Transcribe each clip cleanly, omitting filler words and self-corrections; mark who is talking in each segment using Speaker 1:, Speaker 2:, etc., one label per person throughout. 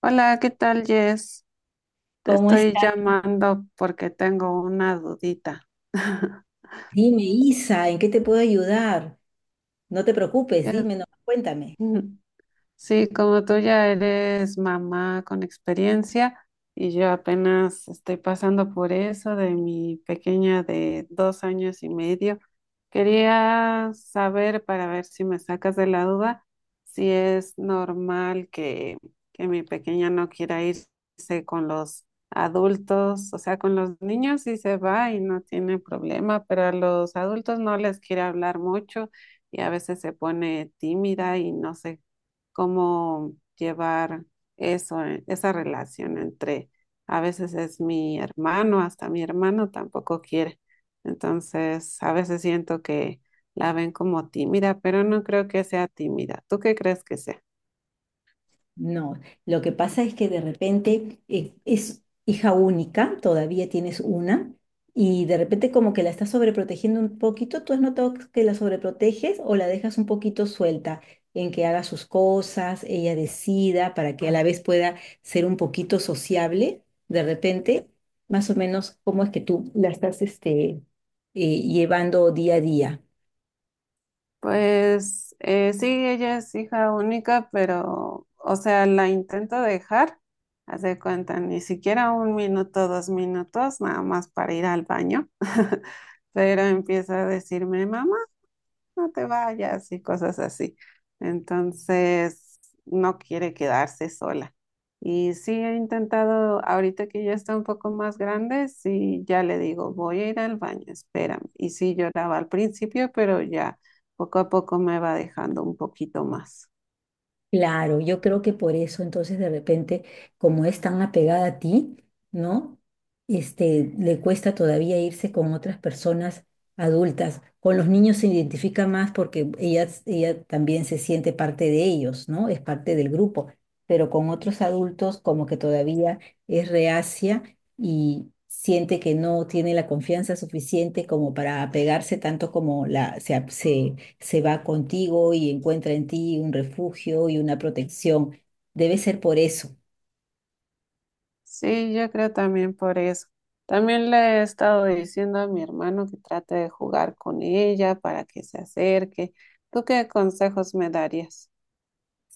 Speaker 1: Hola, ¿qué tal, Jess? Te
Speaker 2: ¿Cómo
Speaker 1: estoy
Speaker 2: estás?
Speaker 1: llamando porque tengo una dudita.
Speaker 2: Dime, Isa, ¿en qué te puedo ayudar? No te preocupes,
Speaker 1: Eh,
Speaker 2: dime, no, cuéntame.
Speaker 1: Sí, como tú ya eres mamá con experiencia y yo apenas estoy pasando por eso de mi pequeña de 2 años y medio, quería saber para ver si me sacas de la duda si es normal que mi pequeña no quiera irse con los adultos, o sea, con los niños sí se va y no tiene problema, pero a los adultos no les quiere hablar mucho y a veces se pone tímida y no sé cómo llevar eso, esa relación entre, a veces es mi hermano, hasta mi hermano tampoco quiere. Entonces, a veces siento que la ven como tímida, pero no creo que sea tímida. ¿Tú qué crees que sea?
Speaker 2: No, lo que pasa es que de repente es hija única, todavía tienes una, y de repente como que la estás sobreprotegiendo un poquito. ¿Tú has notado que la sobreproteges o la dejas un poquito suelta en que haga sus cosas, ella decida, para que a la vez pueda ser un poquito sociable? De repente, más o menos, ¿cómo es que tú la estás llevando día a día?
Speaker 1: Pues sí, ella es hija única, pero, o sea, la intento dejar, haz de cuenta, ni siquiera un minuto, dos minutos, nada más para ir al baño. Pero empieza a decirme, mamá, no te vayas y cosas así. Entonces, no quiere quedarse sola. Y sí he intentado, ahorita que ya está un poco más grande, sí ya le digo, voy a ir al baño, espérame. Y sí lloraba al principio, pero ya poco a poco me va dejando un poquito más.
Speaker 2: Claro, yo creo que por eso entonces de repente, como es tan apegada a ti, ¿no? Este, le cuesta todavía irse con otras personas adultas. Con los niños se identifica más porque ella también se siente parte de ellos, ¿no? Es parte del grupo. Pero con otros adultos como que todavía es reacia y siente que no tiene la confianza suficiente como para apegarse tanto como la, se va contigo y encuentra en ti un refugio y una protección. Debe ser por eso.
Speaker 1: Sí, yo creo también por eso. También le he estado diciendo a mi hermano que trate de jugar con ella para que se acerque. ¿Tú qué consejos me darías?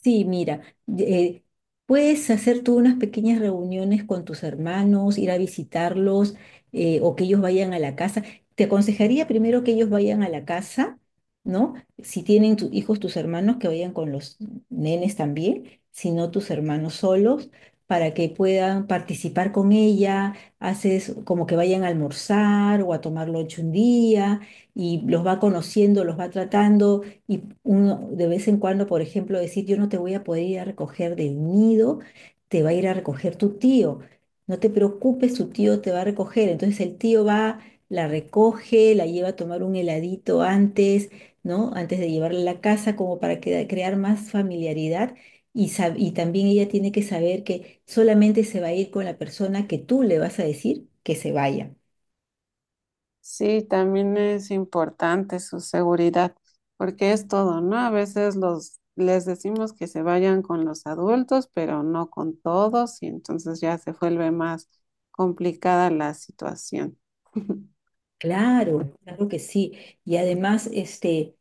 Speaker 2: Sí, mira, eh, puedes hacer tú unas pequeñas reuniones con tus hermanos, ir a visitarlos o que ellos vayan a la casa. Te aconsejaría primero que ellos vayan a la casa, ¿no? Si tienen tus hijos, tus hermanos, que vayan con los nenes también, si no tus hermanos solos, para que puedan participar con ella. Haces como que vayan a almorzar o a tomar lunch un día y los va conociendo, los va tratando y uno de vez en cuando, por ejemplo, decir, yo no te voy a poder ir a recoger del nido, te va a ir a recoger tu tío. No te preocupes, tu tío te va a recoger. Entonces el tío va, la recoge, la lleva a tomar un heladito antes, ¿no? Antes de llevarla a la casa, como para crear más familiaridad. Y, y también ella tiene que saber que solamente se va a ir con la persona que tú le vas a decir que se vaya.
Speaker 1: Sí, también es importante su seguridad, porque es todo, ¿no? A veces los les decimos que se vayan con los adultos, pero no con todos, y entonces ya se vuelve más complicada la situación.
Speaker 2: Claro, claro que sí. Y además, este,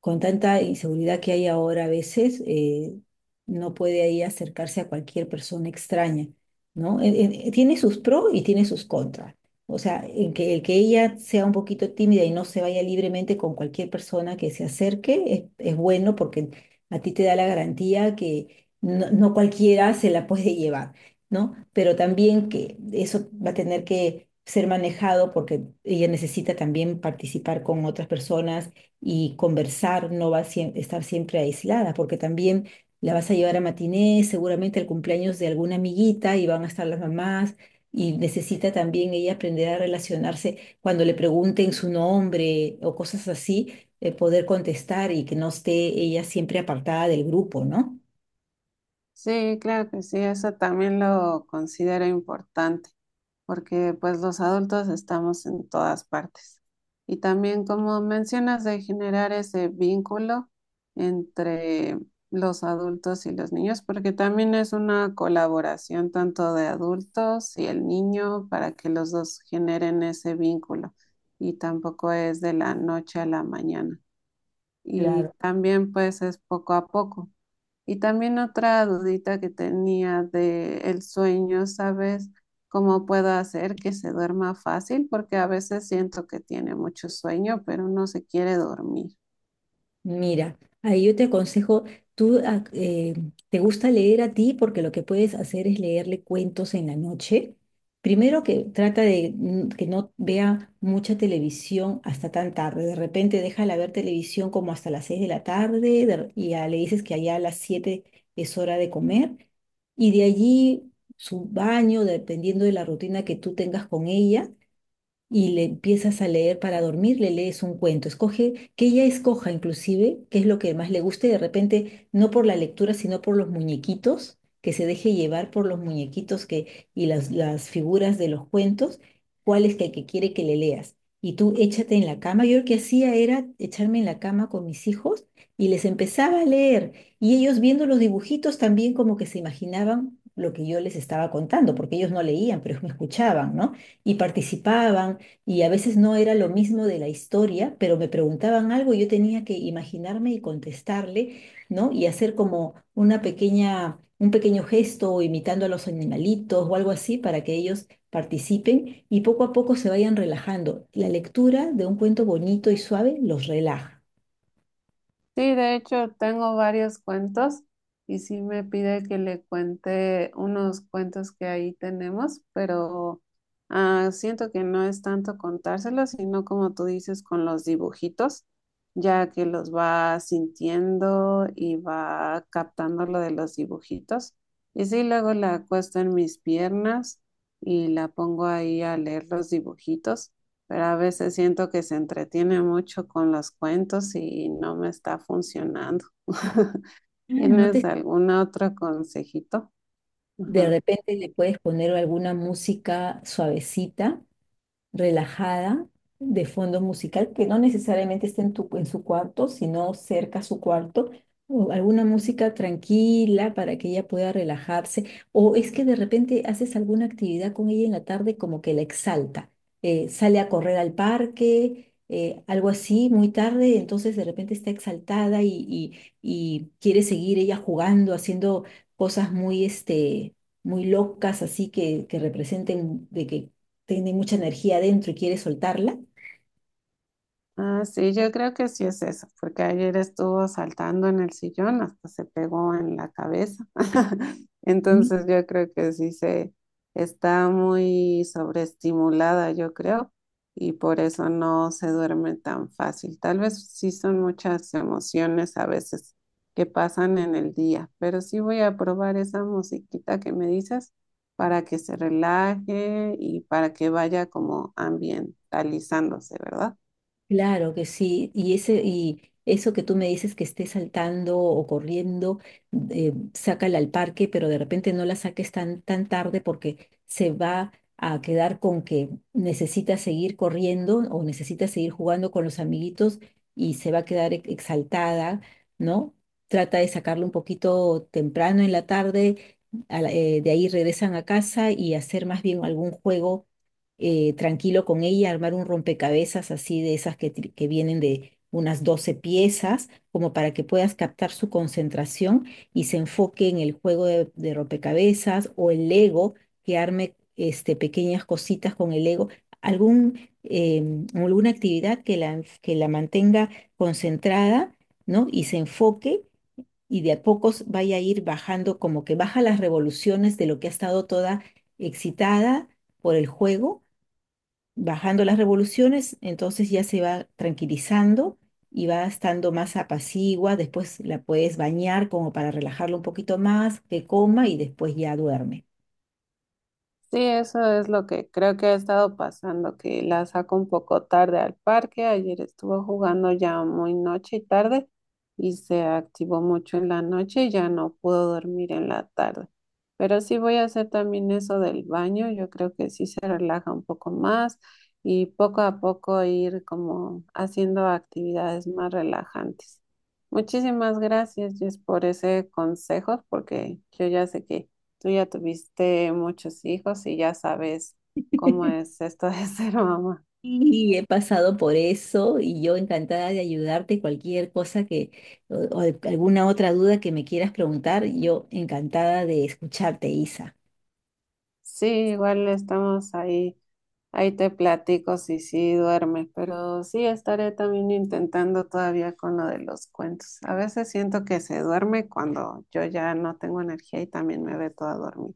Speaker 2: con tanta inseguridad que hay ahora a veces, no puede ahí acercarse a cualquier persona extraña, ¿no? Tiene sus pros y tiene sus contras. O sea, el que ella sea un poquito tímida y no se vaya libremente con cualquier persona que se acerque es bueno porque a ti te da la garantía que no cualquiera se la puede llevar. ¿No? Pero también que eso va a tener que ser manejado porque ella necesita también participar con otras personas y conversar, no va a estar siempre aislada, porque también la vas a llevar a matinés, seguramente al cumpleaños de alguna amiguita y van a estar las mamás. Y necesita también ella aprender a relacionarse cuando le pregunten su nombre o cosas así, poder contestar y que no esté ella siempre apartada del grupo, ¿no?
Speaker 1: Sí, claro que sí, eso también lo considero importante, porque pues los adultos estamos en todas partes. Y también, como mencionas, de generar ese vínculo entre los adultos y los niños, porque también es una colaboración tanto de adultos y el niño para que los dos generen ese vínculo. Y tampoco es de la noche a la mañana. Y
Speaker 2: Claro.
Speaker 1: también pues es poco a poco. Y también otra dudita que tenía de el sueño, ¿sabes cómo puedo hacer que se duerma fácil? Porque a veces siento que tiene mucho sueño, pero no se quiere dormir.
Speaker 2: Mira, ahí yo te aconsejo, tú, te gusta leer a ti porque lo que puedes hacer es leerle cuentos en la noche. Primero que trata de que no vea mucha televisión hasta tan tarde. De repente déjala ver televisión como hasta las 6 de la tarde y ya le dices que allá a las 7 es hora de comer. Y de allí su baño, dependiendo de la rutina que tú tengas con ella y le empiezas a leer para dormir, le lees un cuento, escoge, que ella escoja inclusive qué es lo que más le guste, de repente no por la lectura, sino por los muñequitos, que se deje llevar por los muñequitos y las figuras de los cuentos, que quiere que le leas. Y tú échate en la cama. Yo lo que hacía era echarme en la cama con mis hijos y les empezaba a leer. Y ellos viendo los dibujitos también como que se imaginaban lo que yo les estaba contando, porque ellos no leían, pero me escuchaban, ¿no? Y participaban y a veces no era lo mismo de la historia, pero me preguntaban algo y yo tenía que imaginarme y contestarle, ¿no? Y hacer como una pequeña, un pequeño gesto o imitando a los animalitos o algo así para que ellos participen y poco a poco se vayan relajando. La lectura de un cuento bonito y suave los relaja.
Speaker 1: Sí, de hecho tengo varios cuentos y sí me pide que le cuente unos cuentos que ahí tenemos, pero siento que no es tanto contárselos, sino como tú dices con los dibujitos, ya que los va sintiendo y va captando lo de los dibujitos. Y sí, luego la acuesto en mis piernas y la pongo ahí a leer los dibujitos, pero a veces siento que se entretiene mucho con los cuentos y no me está funcionando.
Speaker 2: Ah, no
Speaker 1: ¿Tienes
Speaker 2: te,
Speaker 1: algún otro consejito?
Speaker 2: de
Speaker 1: Ajá.
Speaker 2: repente le puedes poner alguna música suavecita relajada de fondo musical que no necesariamente esté en en su cuarto, sino cerca a su cuarto, o alguna música tranquila para que ella pueda relajarse, o es que de repente haces alguna actividad con ella en la tarde como que la exalta, sale a correr al parque, algo así, muy tarde, entonces de repente está exaltada y quiere seguir ella jugando, haciendo cosas muy, este, muy locas, así que representen de que tiene mucha energía adentro y quiere soltarla.
Speaker 1: Ah, sí, yo creo que sí es eso, porque ayer estuvo saltando en el sillón, hasta se pegó en la cabeza.
Speaker 2: Mm.
Speaker 1: Entonces yo creo que sí se está muy sobreestimulada, yo creo, y por eso no se duerme tan fácil. Tal vez sí son muchas emociones a veces que pasan en el día, pero sí voy a probar esa musiquita que me dices para que se relaje y para que vaya como ambientalizándose, ¿verdad?
Speaker 2: Claro que sí, y eso que tú me dices que esté saltando o corriendo, sácala al parque, pero de repente no la saques tan tarde porque se va a quedar con que necesita seguir corriendo o necesita seguir jugando con los amiguitos y se va a quedar exaltada, ¿no? Trata de sacarlo un poquito temprano en la tarde, de ahí regresan a casa y hacer más bien algún juego tranquilo con ella, armar un rompecabezas así de esas que vienen de unas 12 piezas, como para que puedas captar su concentración y se enfoque en el juego de rompecabezas o el Lego, que arme este, pequeñas cositas con el Lego, algún, alguna actividad que la mantenga concentrada, ¿no? Y se enfoque. Y de a pocos vaya a ir bajando, como que baja las revoluciones de lo que ha estado toda excitada por el juego bajando las revoluciones, entonces ya se va tranquilizando y va estando más apacigua, después la puedes bañar como para relajarlo un poquito más, que coma y después ya duerme.
Speaker 1: Sí, eso es lo que creo que ha estado pasando, que la saco un poco tarde al parque. Ayer estuvo jugando ya muy noche y tarde y se activó mucho en la noche y ya no pudo dormir en la tarde. Pero sí voy a hacer también eso del baño. Yo creo que sí se relaja un poco más y poco a poco ir como haciendo actividades más relajantes. Muchísimas gracias, Jess, por ese consejo, porque yo ya sé que tú ya tuviste muchos hijos y ya sabes cómo es esto de ser mamá.
Speaker 2: Y he pasado por eso y yo encantada de ayudarte, cualquier cosa que o alguna otra duda que me quieras preguntar, yo encantada de escucharte, Isa.
Speaker 1: Sí, igual estamos ahí, ahí te platico si sí duermes, pero sí estaré también intentando todavía con lo de los cuentos. A veces siento que se duerme cuando yo ya no tengo energía y también me ve toda dormida.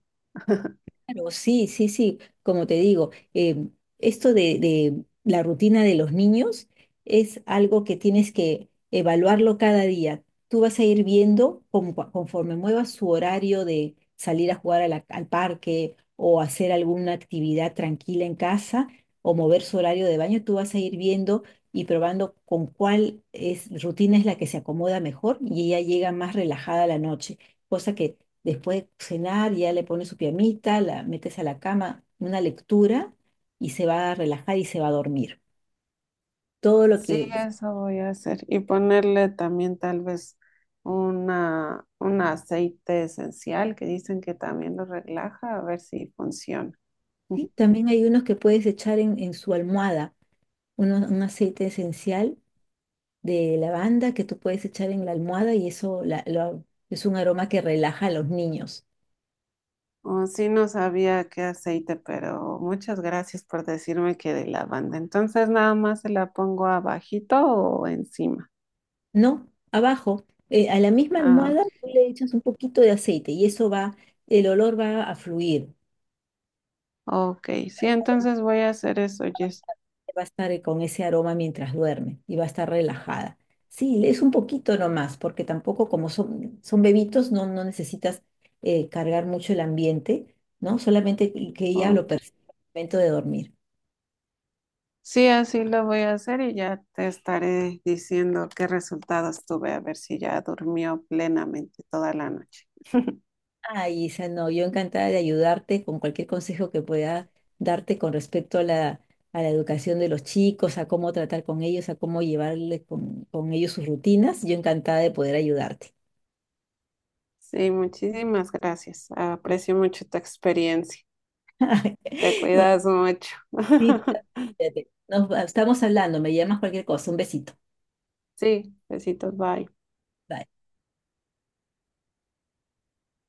Speaker 2: Claro, sí, sí, sí, como te digo, em, esto de la rutina de los niños es algo que tienes que evaluarlo cada día. Tú vas a ir viendo conforme muevas su horario de salir a jugar a la- al parque o hacer alguna actividad tranquila en casa o mover su horario de baño, tú vas a ir viendo y probando con rutina es la que se acomoda mejor y ella llega más relajada a la noche, cosa que después de cenar, ya le pones su piamita, la metes a la cama, una lectura y se va a relajar y se va a dormir. Todo lo
Speaker 1: Sí,
Speaker 2: que...
Speaker 1: eso voy a hacer y ponerle también tal vez una, un aceite esencial que dicen que también lo relaja, a ver si funciona. Ujú.
Speaker 2: Sí, también hay unos que puedes echar en su almohada, un aceite esencial de lavanda que tú puedes echar en la almohada y eso es un aroma que relaja a los niños.
Speaker 1: Oh, sí, no sabía qué aceite, pero muchas gracias por decirme que de lavanda. Entonces, nada más se la pongo abajito o encima.
Speaker 2: No, abajo, a la misma
Speaker 1: Ah,
Speaker 2: almohada tú le echas un poquito de aceite y eso va, el olor va a fluir,
Speaker 1: ok, sí, entonces voy a hacer eso, Jess.
Speaker 2: va a estar con ese aroma mientras duerme y va a estar relajada. Sí, es un poquito nomás, porque tampoco como son bebitos, no necesitas cargar mucho el ambiente, ¿no? Solamente que ella lo perciba al momento de dormir.
Speaker 1: Sí, así lo voy a hacer y ya te estaré diciendo qué resultados tuve, a ver si ya durmió plenamente toda la noche.
Speaker 2: Ay, Isa, no, yo encantada de ayudarte con cualquier consejo que pueda darte con respecto a la educación de los chicos, a cómo tratar con ellos, a cómo llevarle con ellos sus rutinas. Yo encantada de poder ayudarte.
Speaker 1: Sí, muchísimas gracias. Aprecio mucho tu experiencia. Te
Speaker 2: Nos
Speaker 1: cuidas mucho.
Speaker 2: sí, totalmente. Nos estamos hablando, me llamas cualquier cosa. Un besito.
Speaker 1: Sí, besitos, bye.
Speaker 2: Bye.